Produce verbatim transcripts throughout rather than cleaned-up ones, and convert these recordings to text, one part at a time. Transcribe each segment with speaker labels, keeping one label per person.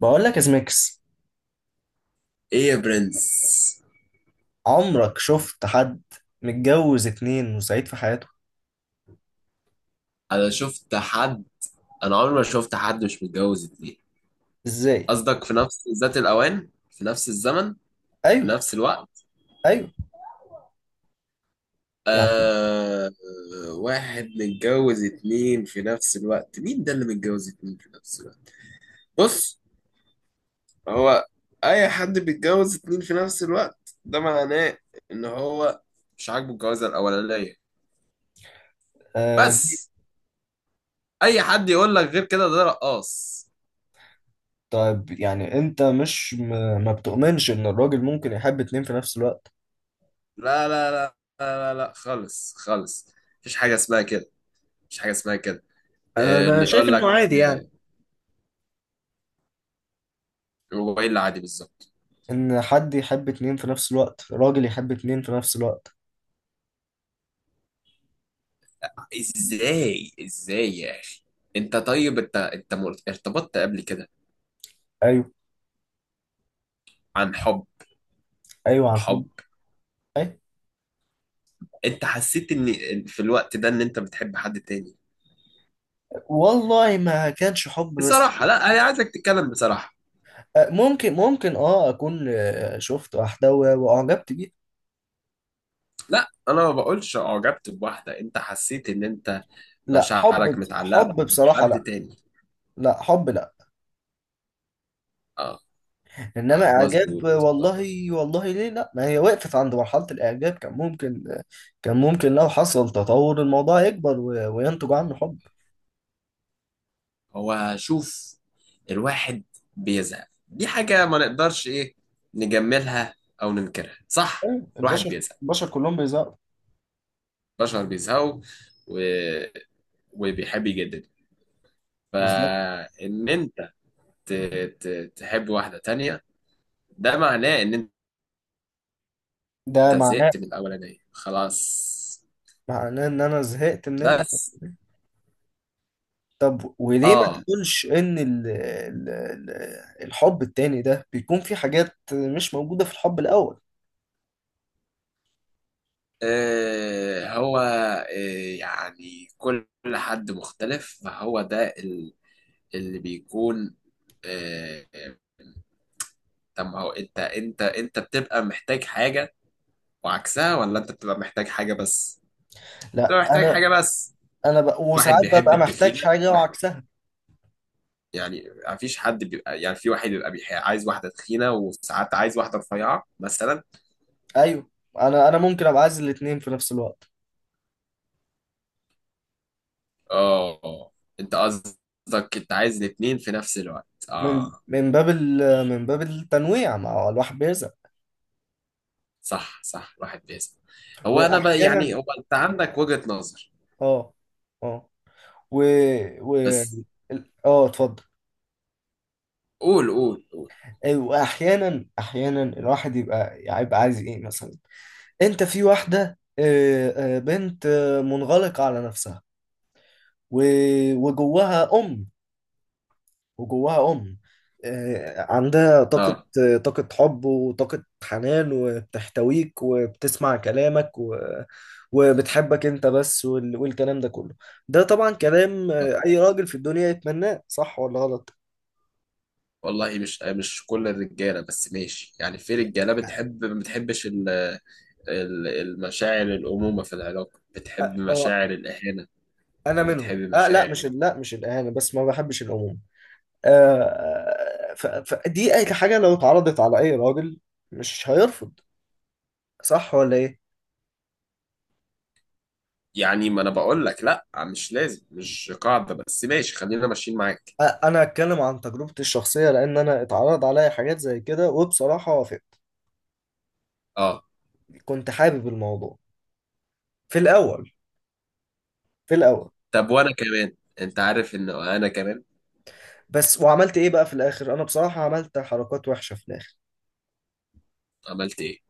Speaker 1: بقول لك يا زميكس،
Speaker 2: ايه يا برنس.
Speaker 1: عمرك شفت حد متجوز اتنين وسعيد في حياته؟
Speaker 2: انا شفت حد انا عمري ما شفت حد مش متجوز اتنين.
Speaker 1: ازاي؟
Speaker 2: قصدك في نفس ذات الاوان، في نفس الزمن، في
Speaker 1: ايوه.
Speaker 2: نفس الوقت.
Speaker 1: ايوه. يعني.
Speaker 2: آه... واحد متجوز اتنين في نفس الوقت؟ مين ده اللي متجوز اتنين في نفس الوقت؟ بص، هو اي حد بيتجوز اتنين في نفس الوقت ده معناه ان هو مش عاجبه الجوازة الاولانية،
Speaker 1: آه
Speaker 2: بس. اي حد يقول لك غير كده ده رقاص.
Speaker 1: طيب، يعني انت مش م... ما بتؤمنش ان الراجل ممكن يحب اتنين في نفس الوقت؟
Speaker 2: لا لا لا، لا لا لا، خالص خالص. مفيش حاجة اسمها كده. مفيش حاجة اسمها كده. آه،
Speaker 1: انا
Speaker 2: اللي
Speaker 1: شايف
Speaker 2: يقول لك
Speaker 1: انه عادي،
Speaker 2: آه،
Speaker 1: يعني
Speaker 2: الموبايل عادي بالظبط؟
Speaker 1: ان حد يحب اتنين في نفس الوقت، راجل يحب اتنين في نفس الوقت.
Speaker 2: ازاي ازاي يا اخي؟ انت طيب، انت انت مر- ارتبطت قبل كده
Speaker 1: ايوه.
Speaker 2: عن حب.
Speaker 1: ايوه، عن حب.
Speaker 2: وحب؟
Speaker 1: ايوه.
Speaker 2: انت حسيت ان إن في الوقت ده ان انت بتحب حد تاني؟
Speaker 1: والله ما كانش حب، بس
Speaker 2: بصراحة. لا، انا عايزك تتكلم بصراحة.
Speaker 1: آه، ممكن ممكن اه اكون آه، شفت واحدة و- واعجبت بيها.
Speaker 2: لا، انا ما بقولش اعجبت بواحدة، انت حسيت ان انت
Speaker 1: لا،
Speaker 2: مشاعرك
Speaker 1: حب
Speaker 2: متعلقة
Speaker 1: حب بصراحة
Speaker 2: بحد
Speaker 1: لا.
Speaker 2: تاني؟
Speaker 1: لا حب لا،
Speaker 2: اه. اه،
Speaker 1: انما اعجاب.
Speaker 2: مظبوط.
Speaker 1: والله والله ليه؟ لا، ما هي وقفت عند مرحله الاعجاب، كان ممكن، كان ممكن لو حصل تطور الموضوع يكبر و- وينتج عنه حب.
Speaker 2: هو شوف، الواحد بيزهق، دي حاجة ما نقدرش ايه، نجملها او ننكرها، صح؟
Speaker 1: أيوة،
Speaker 2: الواحد
Speaker 1: البشر،
Speaker 2: بيزهق،
Speaker 1: البشر كلهم بيزهقوا.
Speaker 2: البشر بيزهقوا، و... وبيحب يجدد،
Speaker 1: بالظبط.
Speaker 2: فان انت ت... ت... تحب واحدة تانية، ده معناه ان
Speaker 1: ده
Speaker 2: انت
Speaker 1: معناه،
Speaker 2: زهقت من الاولانية خلاص،
Speaker 1: معناه ان انا زهقت من الأول.
Speaker 2: بس.
Speaker 1: طب وليه ما
Speaker 2: اه.
Speaker 1: تقولش ان ال ال ال الحب التاني ده بيكون في حاجات مش موجوده في الحب الاول؟
Speaker 2: آه، هو آه، يعني كل حد مختلف، فهو ده ال- اللي بيكون. آه، طب ما هو انت انت انت بتبقى محتاج حاجة وعكسها، ولا انت بتبقى محتاج حاجة بس؟
Speaker 1: لا
Speaker 2: بتبقى محتاج
Speaker 1: انا.
Speaker 2: حاجة بس.
Speaker 1: انا بق...
Speaker 2: واحد
Speaker 1: وساعات
Speaker 2: بيحب
Speaker 1: ببقى محتاج
Speaker 2: التخينة
Speaker 1: حاجه
Speaker 2: واحد-
Speaker 1: وعكسها.
Speaker 2: يعني مفيش حد بيبقى، يعني في واحد بيبقى بيح- عايز واحدة تخينة، وساعات عايز واحدة رفيعة مثلا.
Speaker 1: ايوه. انا انا ممكن ابقى عايز الاتنين في نفس الوقت،
Speaker 2: اه. انت قصدك انت عايز الاتنين في نفس الوقت؟
Speaker 1: من
Speaker 2: اه.
Speaker 1: من باب ال- من باب التنويع، ما هو الواحد بيرزق.
Speaker 2: صح صح، الواحد بيسأل. هو انا بقى، يعني
Speaker 1: واحيانا،
Speaker 2: هو انت عندك وجهة نظر،
Speaker 1: اه، اه. و، و
Speaker 2: بس.
Speaker 1: ال- اه اتفضل.
Speaker 2: قول، قول، قول.
Speaker 1: أي، واحيانا، احيانا الواحد يبقى، يبقى عايز ايه مثلا؟ انت في واحده، آه، آه، بنت آه، منغلقه على نفسها و- وجواها ام، وجواها أم، آه، عندها طاقة،
Speaker 2: اه،
Speaker 1: آه، طاقة حب وطاقة حنان، وبتحتويك وبتسمع كلامك و... وبتحبك أنت بس وال... والكلام ده كله. ده طبعا كلام آه، أي راجل في الدنيا يتمناه، صح ولا غلط؟
Speaker 2: والله مش مش كل الرجاله، بس ماشي، يعني في رجاله
Speaker 1: يعني.
Speaker 2: بتحب، ما بتحبش ال- ال- المشاعر الامومه في العلاقه، بتحب
Speaker 1: أ- أه
Speaker 2: مشاعر الاهانه،
Speaker 1: أنا
Speaker 2: وبتحب
Speaker 1: منهم، أه. لا،
Speaker 2: مشاعر.
Speaker 1: مش ال- لا، مش الإهانة بس، ما بحبش العموم. آه، ف... فدي أي حاجة لو اتعرضت على أي راجل مش هيرفض، صح ولا إيه؟
Speaker 2: يعني ما انا بقول لك لا، مش لازم، مش قاعده، بس ماشي، خلينا ماشيين معاك.
Speaker 1: أ- انا هتكلم عن تجربتي الشخصيه، لان انا اتعرض عليا حاجات زي كده، وبصراحه وافقت.
Speaker 2: اه.
Speaker 1: كنت حابب الموضوع في الاول، في الاول.
Speaker 2: طب وانا كمان، انت عارف ان انا كمان
Speaker 1: بس وعملت ايه بقى في الاخر؟ انا بصراحه عملت حركات وحشه في الاخر.
Speaker 2: عملت ايه.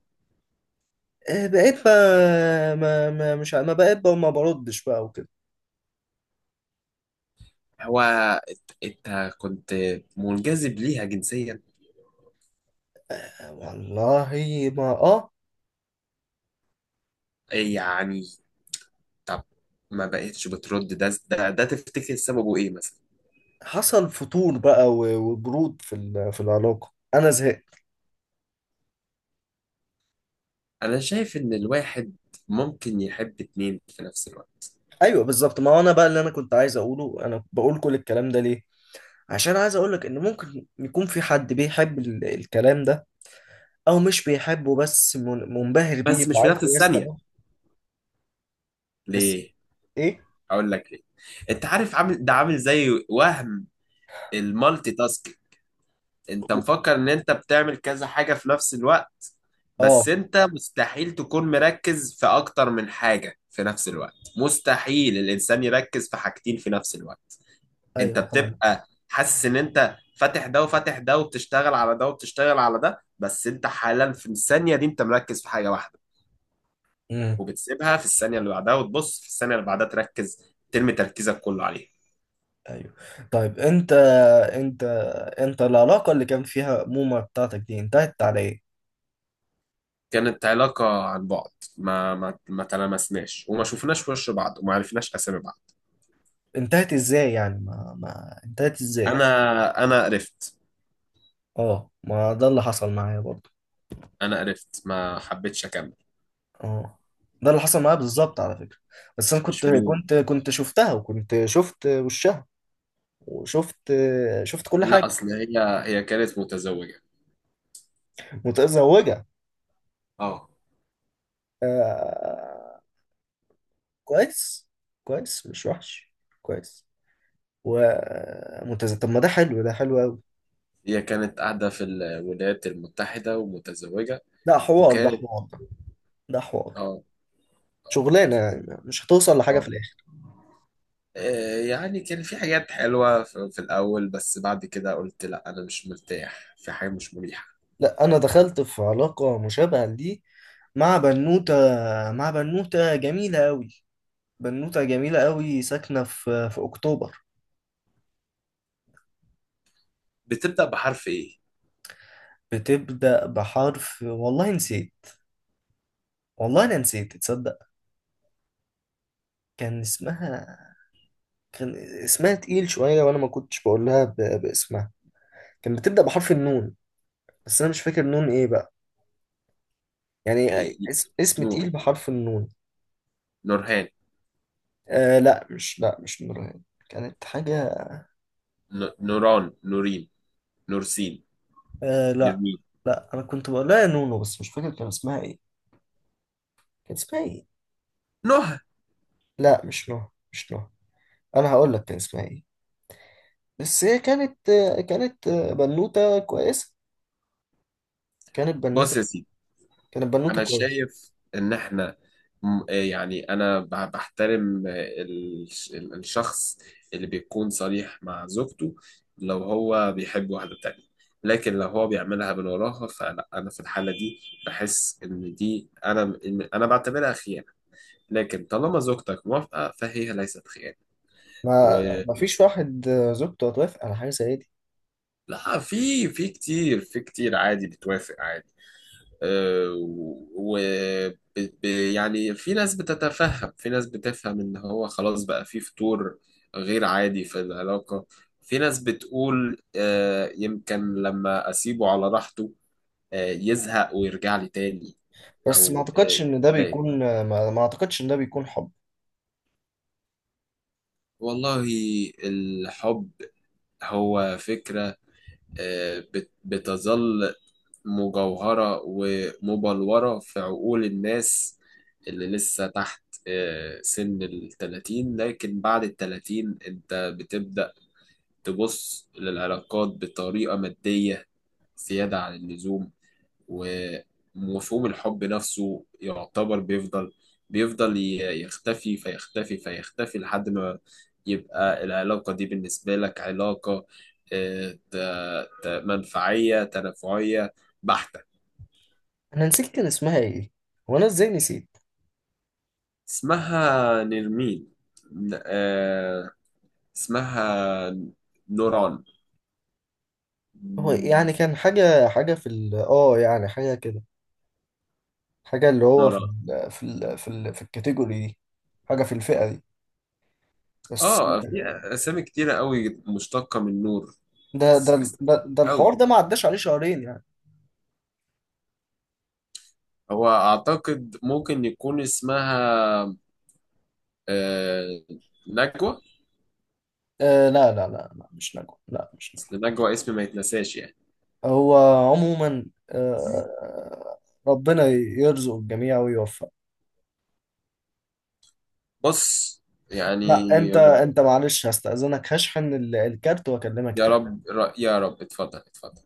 Speaker 1: آه، بقيت ما, ما, ما مش ع- ما بقيت بقى ما بردش بقى وكده.
Speaker 2: هو انت إنت كنت منجذب ليها جنسيا،
Speaker 1: آه، والله ما اه.
Speaker 2: يعني؟ طب، ما بقتش بترد ده، ده ده تفتكر سببه ايه مثلا؟
Speaker 1: حصل فتور بقى و- وبرود في ال- في العلاقه، انا زهقت.
Speaker 2: انا شايف ان الواحد ممكن يحب اتنين في نفس الوقت،
Speaker 1: ايوه بالظبط. ما هو انا بقى، اللي انا كنت عايز اقوله، انا بقول كل الكلام ده ليه عشان عايز اقولك ان ممكن يكون في حد بيحب ال- الكلام ده، او مش بيحبه بس من- منبهر بيه
Speaker 2: بس مش في
Speaker 1: وعايز
Speaker 2: نفس الثانية.
Speaker 1: يستمع. بس
Speaker 2: ليه؟
Speaker 1: ايه؟
Speaker 2: اقول لك ليه. انت عارف، عامل ده، عامل زي وهم المالتي تاسك، انت مفكر ان انت بتعمل كذا حاجة في نفس الوقت،
Speaker 1: اه.
Speaker 2: بس انت مستحيل تكون مركز في اكتر من حاجة في نفس الوقت، مستحيل الانسان يركز في حاجتين في نفس الوقت. انت
Speaker 1: ايوه فاهم.
Speaker 2: بتبقى حاسس ان انت فاتح ده وفاتح ده، وبتشتغل على ده وبتشتغل على ده، بس انت حالا في الثانية دي انت مركز في حاجة واحدة،
Speaker 1: امم.
Speaker 2: وبتسيبها في الثانية اللي بعدها، وتبص في الثانية اللي بعدها تركز، ترمي تركيزك كله عليها.
Speaker 1: ايوه. طيب انت، انت، انت العلاقه اللي كان فيها موما بتاعتك دي انتهت على ايه؟
Speaker 2: كانت علاقة عن بعد، ما ما ما تلامسناش، وما شفناش وش بعض، وما عرفناش أسامي بعض.
Speaker 1: انتهت ازاي يعني، ما ما انتهت ازاي؟
Speaker 2: أنا أنا قرفت.
Speaker 1: اه، ما ده اللي حصل معايا برضه.
Speaker 2: أنا قرفت، ما حبيتش أكمل.
Speaker 1: اه، ده اللي حصل معايا بالظبط على فكره. بس انا كنت
Speaker 2: مش ميول.
Speaker 1: كنت كنت شفتها وكنت شفت وشها، وشفت شفت كل
Speaker 2: لا،
Speaker 1: حاجه.
Speaker 2: أصل هي هي كانت متزوجة.
Speaker 1: متزوجه؟
Speaker 2: اه.
Speaker 1: آه، كويس، كويس، مش وحش، كويس وممتازة. طب ما ده حلو، ده حلو أوي.
Speaker 2: هي كانت قاعدة في الولايات المتحدة ومتزوجة،
Speaker 1: ده حوار، ده
Speaker 2: وكانت.
Speaker 1: حوار، ده ده حوار،
Speaker 2: اه. اه.
Speaker 1: شغلانة يعني مش هتوصل لحاجة في
Speaker 2: آه.
Speaker 1: الآخر.
Speaker 2: آه، يعني كان في حاجات حلوة في في الأول، بس بعد كده قلت لا، أنا مش مرتاح في حاجة مش مريحة.
Speaker 1: لا، أنا دخلت في علاقة مشابهة لدي، مع بنوتة، مع بنوتة جميلة أوي، بنوتة جميلة أوي ساكنة في في أكتوبر.
Speaker 2: بتبدأ بحرف إيه؟
Speaker 1: بتبدأ بحرف والله نسيت، والله أنا نسيت تصدق. كان اسمها، كان اسمها تقيل شوية، وأنا ما كنتش بقولها ب... باسمها. كان بتبدأ بحرف النون، بس انا مش فاكر نون ايه بقى، يعني
Speaker 2: إيه- إيه،
Speaker 1: اسم, اسم تقيل
Speaker 2: نور؟
Speaker 1: بحرف النون.
Speaker 2: نورهان؟
Speaker 1: آه لا، مش لا مش نورهان، كانت حاجة.
Speaker 2: ن- نوران؟ نورين؟ نورسين؟
Speaker 1: آه لا،
Speaker 2: نرمين؟
Speaker 1: لا، انا كنت بقول لها يا نونو، بس مش فاكر كان اسمها ايه، كان اسمها ايه.
Speaker 2: نهى؟
Speaker 1: لا مش نوح، مش نوح. انا هقول لك كان اسمها ايه، بس هي كانت، آه، كانت، آه، بنوتة كويسة، كانت
Speaker 2: بص
Speaker 1: بنوتة،
Speaker 2: يا سيدي،
Speaker 1: كانت بنوتة
Speaker 2: انا
Speaker 1: كويسة.
Speaker 2: شايف ان احنا، م- يعني انا ب- بحترم ال- ال- الشخص اللي بيكون صريح مع زوجته لو هو بيحب واحدة تانية. لكن لو هو بيعملها من وراها، فلا، انا في الحالة دي بحس ان دي، انا إن انا بعتبرها خيانة. لكن طالما زوجتك موافقة، فهي ليست خيانة. و
Speaker 1: ما ما فيش واحد آه، زوجته هتوافق على حاجة زي دي.
Speaker 2: لا، في، في كتير، في كتير عادي بتوافق عادي. آه، و ب- ب- يعني في ناس بتتفهم، في ناس بتفهم ان هو خلاص بقى في فتور، غير عادي في العلاقة. في ناس بتقول آه، يمكن لما اسيبه على راحته آه، يزهق ويرجع لي تاني.
Speaker 1: بس ما
Speaker 2: او آه،
Speaker 1: اعتقدش ان ده
Speaker 2: ده-
Speaker 1: بيكون، آه، ما, ما اعتقدش ان ده بيكون حب.
Speaker 2: والله، الحب هو فكرة آه، بت- بتظل مجوهرة ومبلورة في عقول الناس اللي لسه تحت آه، سن التلاتين، لكن بعد التلاتين انت بتبدأ تبص للعلاقات بطريقة مادية زيادة عن اللزوم، ومفهوم الحب نفسه يعتبر بيفضل، بيفضل ي- يختفي فيختفي فيختفي، لحد ما يبقى العلاقة دي بالنسبة لك علاقة آه، ت- ت- منفعية، تنافعية، بحتة.
Speaker 1: انا نسيت كان اسمها ايه، وانا ازاي نسيت؟
Speaker 2: اسمها نرمين. ن- آه، اسمها نوران.
Speaker 1: هو يعني كان حاجة، حاجة في ال اه يعني حاجة كده، حاجة اللي هو في
Speaker 2: نوران.
Speaker 1: ال في ال في ال في الكاتيجوري دي، حاجة في الفئة دي، بس.
Speaker 2: اه، في اسامي كتيرة قوي مشتقة من نور.
Speaker 1: ده، ده،
Speaker 2: أس- أس-
Speaker 1: ده, ده الحوار
Speaker 2: قوي.
Speaker 1: ده ما عداش عليه شهرين يعني.
Speaker 2: هو اعتقد ممكن يكون اسمها آه، نجوى.
Speaker 1: آه لا لا لا لا، مش نجوى، لا مش نجوى.
Speaker 2: اصل نجوى اسم ما يتنساش، يعني.
Speaker 1: هو عموما، آه، ربنا يرزق الجميع ويوفق.
Speaker 2: بص، يعني.
Speaker 1: لا انت، انت معلش، هستأذنك هشحن ال- الكارت واكلمك
Speaker 2: يا
Speaker 1: تاني.
Speaker 2: رب، يا رب. اتفضل، اتفضل.